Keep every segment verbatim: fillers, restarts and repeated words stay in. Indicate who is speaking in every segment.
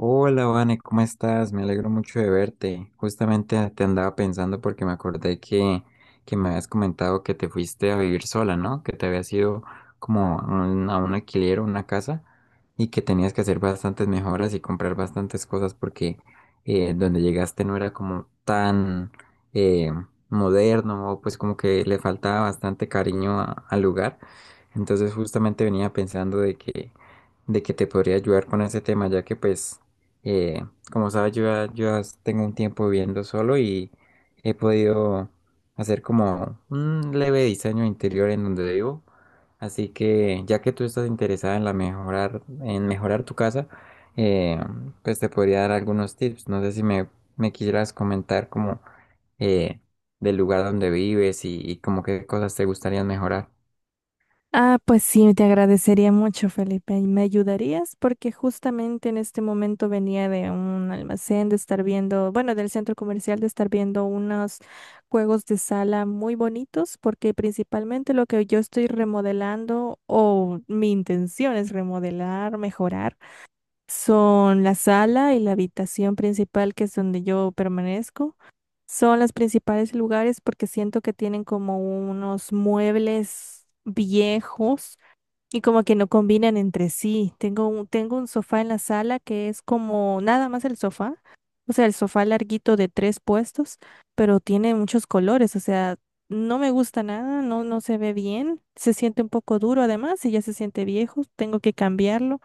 Speaker 1: Hola, Vane, ¿cómo estás? Me alegro mucho de verte. Justamente te andaba pensando porque me acordé que, que me habías comentado que te fuiste a vivir sola, ¿no? Que te habías ido como a un, a un alquiler o una casa, y que tenías que hacer bastantes mejoras y comprar bastantes cosas porque eh, donde llegaste no era como tan eh, moderno, o pues como que le faltaba bastante cariño a- al lugar. Entonces justamente venía pensando de que de que te podría ayudar con ese tema, ya que pues eh, como sabes, yo ya, yo ya tengo un tiempo viviendo solo y he podido hacer como un leve diseño interior en donde vivo. Así que ya que tú estás interesada en la mejorar, en mejorar tu casa, eh, pues te podría dar algunos tips. No sé si me, me quisieras comentar como eh, del lugar donde vives y, y como qué cosas te gustaría mejorar.
Speaker 2: Ah, pues sí, te agradecería mucho, Felipe. ¿Y ¿Me ayudarías? Porque justamente en este momento venía de un almacén de estar viendo, bueno, del centro comercial de estar viendo unos juegos de sala muy bonitos, porque principalmente lo que yo estoy remodelando o mi intención es remodelar, mejorar, son la sala y la habitación principal, que es donde yo permanezco. Son los principales lugares porque siento que tienen como unos muebles viejos y como que no combinan entre sí. Tengo un, tengo un sofá en la sala que es como nada más el sofá. O sea, el sofá larguito de tres puestos, pero tiene muchos colores. O sea, no me gusta nada, no, no se ve bien. Se siente un poco duro además y ya se siente viejo. Tengo que cambiarlo.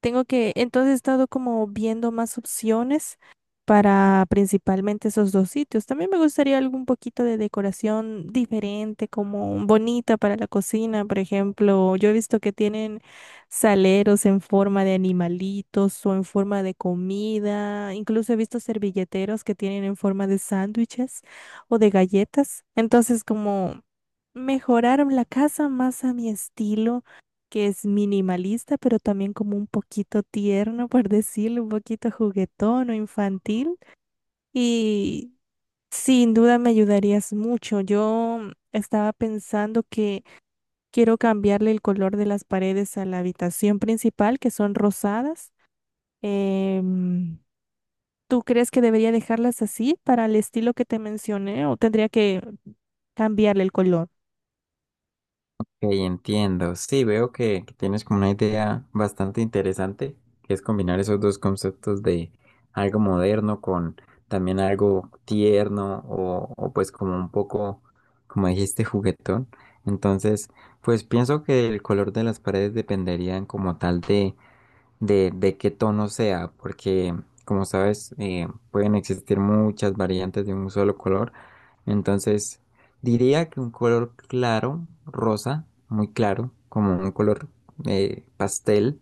Speaker 2: Tengo que, entonces he estado como viendo más opciones para principalmente esos dos sitios. También me gustaría algún poquito de decoración diferente, como bonita para la cocina, por ejemplo. Yo he visto que tienen saleros en forma de animalitos o en forma de comida. Incluso he visto servilleteros que tienen en forma de sándwiches o de galletas. Entonces, como mejorar la casa más a mi estilo, que es minimalista, pero también como un poquito tierno, por decirlo, un poquito juguetón o infantil. Y sin duda me ayudarías mucho. Yo estaba pensando que quiero cambiarle el color de las paredes a la habitación principal, que son rosadas. Em, ¿Tú crees que debería dejarlas así para el estilo que te mencioné o tendría que cambiarle el color?
Speaker 1: Ok, entiendo. Sí, veo que, que tienes como una idea bastante interesante, que es combinar esos dos conceptos de algo moderno con también algo tierno o, o pues como un poco, como dijiste, juguetón. Entonces, pues pienso que el color de las paredes dependerían como tal de de, de qué tono sea, porque como sabes, eh, pueden existir muchas variantes de un solo color. Entonces, diría que un color claro, rosa, muy claro, como un color eh, pastel,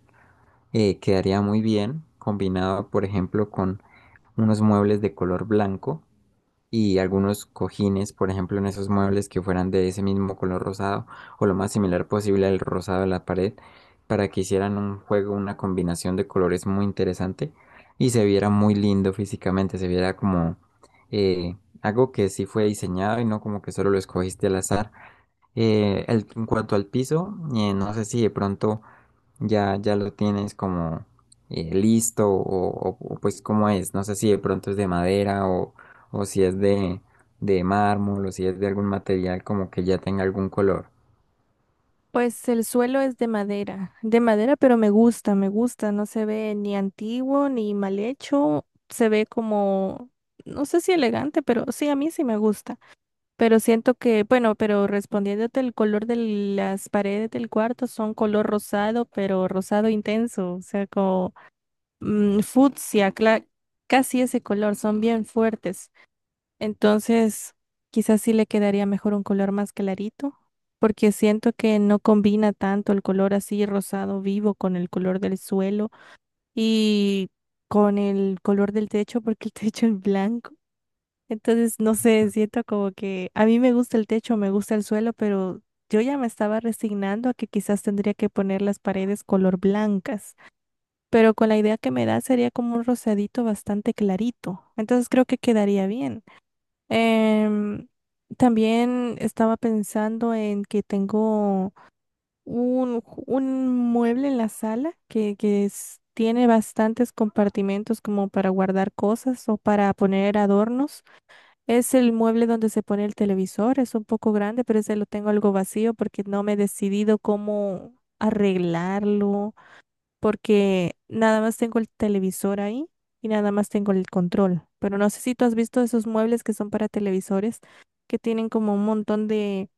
Speaker 1: eh, quedaría muy bien combinado, por ejemplo, con unos muebles de color blanco y algunos cojines, por ejemplo, en esos muebles que fueran de ese mismo color rosado o lo más similar posible al rosado de la pared, para que hicieran un juego, una combinación de colores muy interesante y se viera muy lindo físicamente, se viera como eh, algo que sí fue diseñado y no como que solo lo escogiste al azar. Eh, el- en cuanto al piso, eh, no sé si de pronto ya, ya lo tienes como eh, listo o, o- o, pues cómo es. No sé si de pronto es de madera o, o si es de, de mármol, o si es de algún material como que ya tenga algún color.
Speaker 2: Pues el suelo es de madera, de madera, pero me gusta, me gusta, no se ve ni antiguo ni mal hecho, se ve como, no sé si elegante, pero sí, a mí sí me gusta, pero siento que, bueno, pero respondiéndote el color de las paredes del cuarto son color rosado, pero rosado intenso, o sea, como mm, fucsia, cla- casi ese color, son bien fuertes. Entonces, quizás sí le quedaría mejor un color más clarito, porque siento que no combina tanto el color así rosado vivo con el color del suelo y con el color del techo, porque el techo es blanco. Entonces, no sé, siento como que a mí me gusta el techo, me gusta el suelo, pero yo ya me estaba resignando a que quizás tendría que poner las paredes color blancas, pero con la idea que me da sería como un rosadito bastante clarito. Entonces, creo que quedaría bien. Em, También estaba pensando en que tengo un, ju- un mueble en la sala que, que es- tiene bastantes compartimentos como para guardar cosas o para poner adornos. Es el mueble donde se pone el televisor, es un poco grande, pero ese lo tengo algo vacío porque no me he decidido cómo arreglarlo porque nada más tengo el televisor ahí y nada más tengo el control. Pero no sé si tú has visto esos muebles que son para televisores, que tienen como un montón de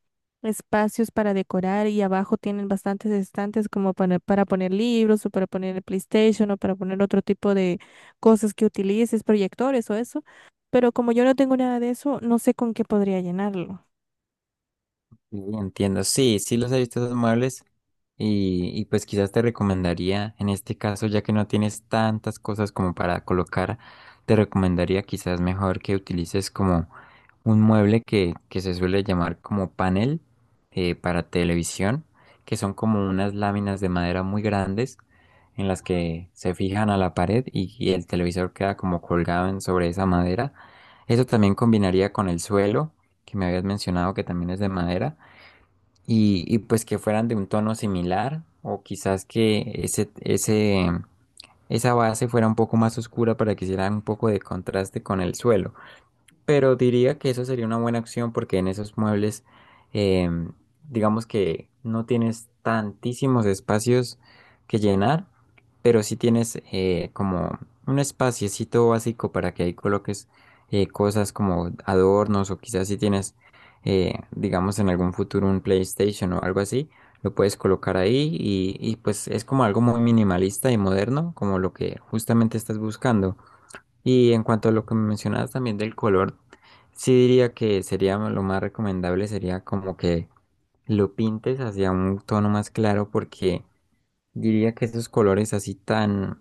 Speaker 2: espacios para decorar y abajo tienen bastantes estantes como para, para poner libros o para poner el PlayStation o para poner otro tipo de cosas que utilices, proyectores o eso. Pero como yo no tengo nada de eso, no sé con qué podría llenarlo.
Speaker 1: Sí, entiendo, sí, sí los he visto esos muebles y, y pues quizás te recomendaría, en este caso, ya que no tienes tantas cosas como para colocar, te recomendaría quizás mejor que utilices como un mueble que, que se suele llamar como panel eh, para televisión, que son como unas láminas de madera muy grandes en las que se fijan a la pared y, y el televisor queda como colgado en- sobre esa madera. Eso también combinaría con el suelo, que me habías mencionado que también es de madera, y, y pues que fueran de un tono similar, o quizás que ese, ese, esa base fuera un poco más oscura para que hiciera un poco de contraste con el suelo. Pero diría que eso sería una buena opción porque en esos muebles, em, digamos que no tienes tantísimos espacios que llenar, pero sí tienes eh, como un espaciecito básico para que ahí coloques eh, cosas como adornos, o quizás si tienes, eh, digamos, en algún futuro un PlayStation o algo así, lo puedes colocar ahí y, y pues es como algo muy minimalista y moderno, como lo que justamente estás buscando. Y en cuanto a lo que me mencionabas también del color, sí diría que sería lo más recomendable sería como que lo pintes hacia un tono más claro, porque diría que esos colores así tan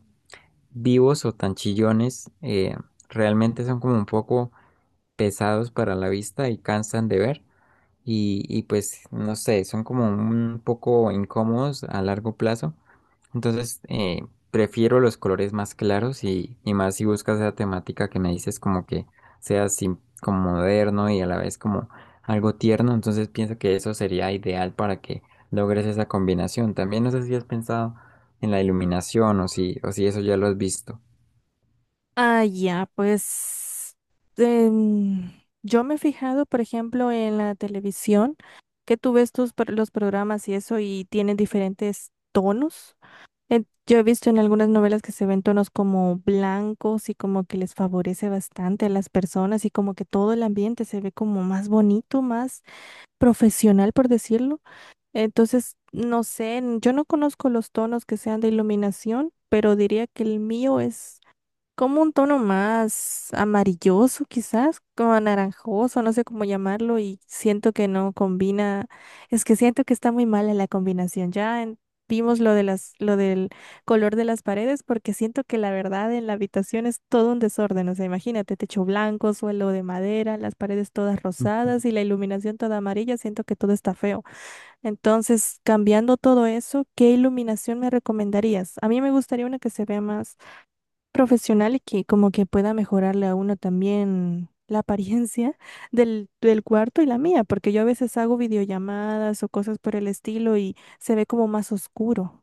Speaker 1: vivos o tan chillones eh, realmente son como un poco pesados para la vista y cansan de ver, y, y pues no sé, son como un poco incómodos a largo plazo. Entonces, eh, prefiero los colores más claros y, y más si buscas esa temática que me dices como que sea así como moderno y a la vez como algo tierno. Entonces pienso que eso sería ideal para que logres esa combinación. También no sé si has pensado en la iluminación, o si, o si eso ya lo has visto.
Speaker 2: Ah, ya, pues em, yo me he fijado, por ejemplo, en la televisión, que tú ves tus pro- los programas y eso y tienen diferentes tonos. Eh, yo he visto en algunas novelas que se ven tonos como blancos y como que les favorece bastante a las personas y como que todo el ambiente se ve como más bonito, más profesional, por decirlo. Entonces, no sé, n- yo no conozco los tonos que sean de iluminación, pero diría que el mío es como un tono más amarilloso quizás, como anaranjoso, no sé cómo llamarlo y siento que no combina, es que siento que está muy mala la combinación. Ya en- vimos lo de las, lo del color de las paredes porque siento que la verdad en la habitación es todo un desorden, o sea, imagínate, techo blanco, suelo de madera, las paredes todas rosadas y la iluminación toda amarilla, siento que todo está feo. Entonces, cambiando todo eso, ¿qué iluminación me recomendarías? A mí me gustaría una que se vea más profesional y que como que pueda mejorarle a uno también la apariencia del, del cuarto y la mía, porque yo a veces hago videollamadas o cosas por el estilo y se ve como más oscuro.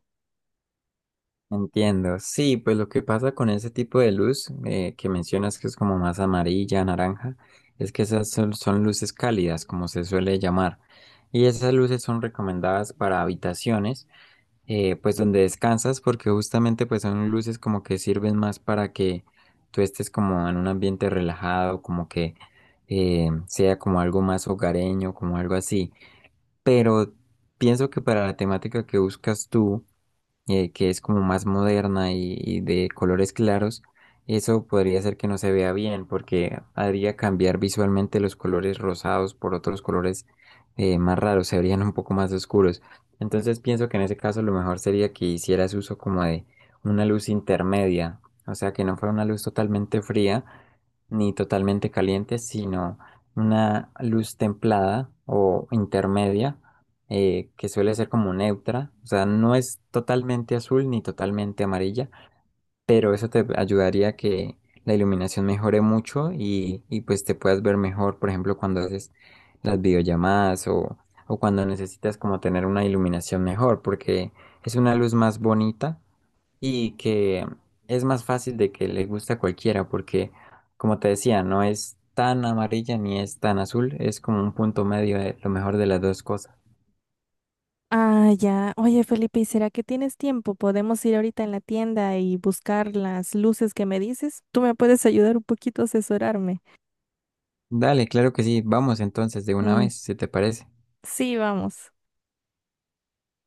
Speaker 1: Entiendo. Sí, pues lo que pasa con ese tipo de luz eh, que mencionas que es como más amarilla, naranja, es que esas son, son luces cálidas, como se suele llamar. Y esas luces son recomendadas para habitaciones, eh, pues donde descansas, porque justamente pues son luces como que sirven más para que tú estés como en un ambiente relajado, como que eh, sea como algo más hogareño, como algo así. Pero pienso que para la temática que buscas tú, eh, que es como más moderna y, y de colores claros, eso podría ser que no se vea bien porque haría cambiar visualmente los colores rosados por otros colores eh, más raros, se verían un poco más oscuros. Entonces pienso que en ese caso lo mejor sería que hicieras uso como de una luz intermedia, o sea, que no fuera una luz totalmente fría, ni totalmente caliente, sino una luz templada o intermedia, eh, que suele ser como neutra, o sea, no es totalmente azul ni totalmente amarilla, pero eso te ayudaría a que la iluminación mejore mucho y, y pues te puedas ver mejor, por ejemplo, cuando haces las videollamadas o, o cuando necesitas como tener una iluminación mejor, porque es una luz más bonita y que es más fácil de que le guste a cualquiera porque, como te decía, no es tan amarilla ni es tan azul, es como un punto medio de lo mejor de las dos cosas.
Speaker 2: Ah, ya. Oye, Felipe, ¿y será que tienes tiempo? ¿Podemos ir ahorita en la tienda y buscar las luces que me dices? ¿Tú me puedes ayudar un poquito a asesorarme?
Speaker 1: Dale, claro que sí, vamos entonces de una
Speaker 2: Mm,
Speaker 1: vez, si te parece.
Speaker 2: sí, vamos.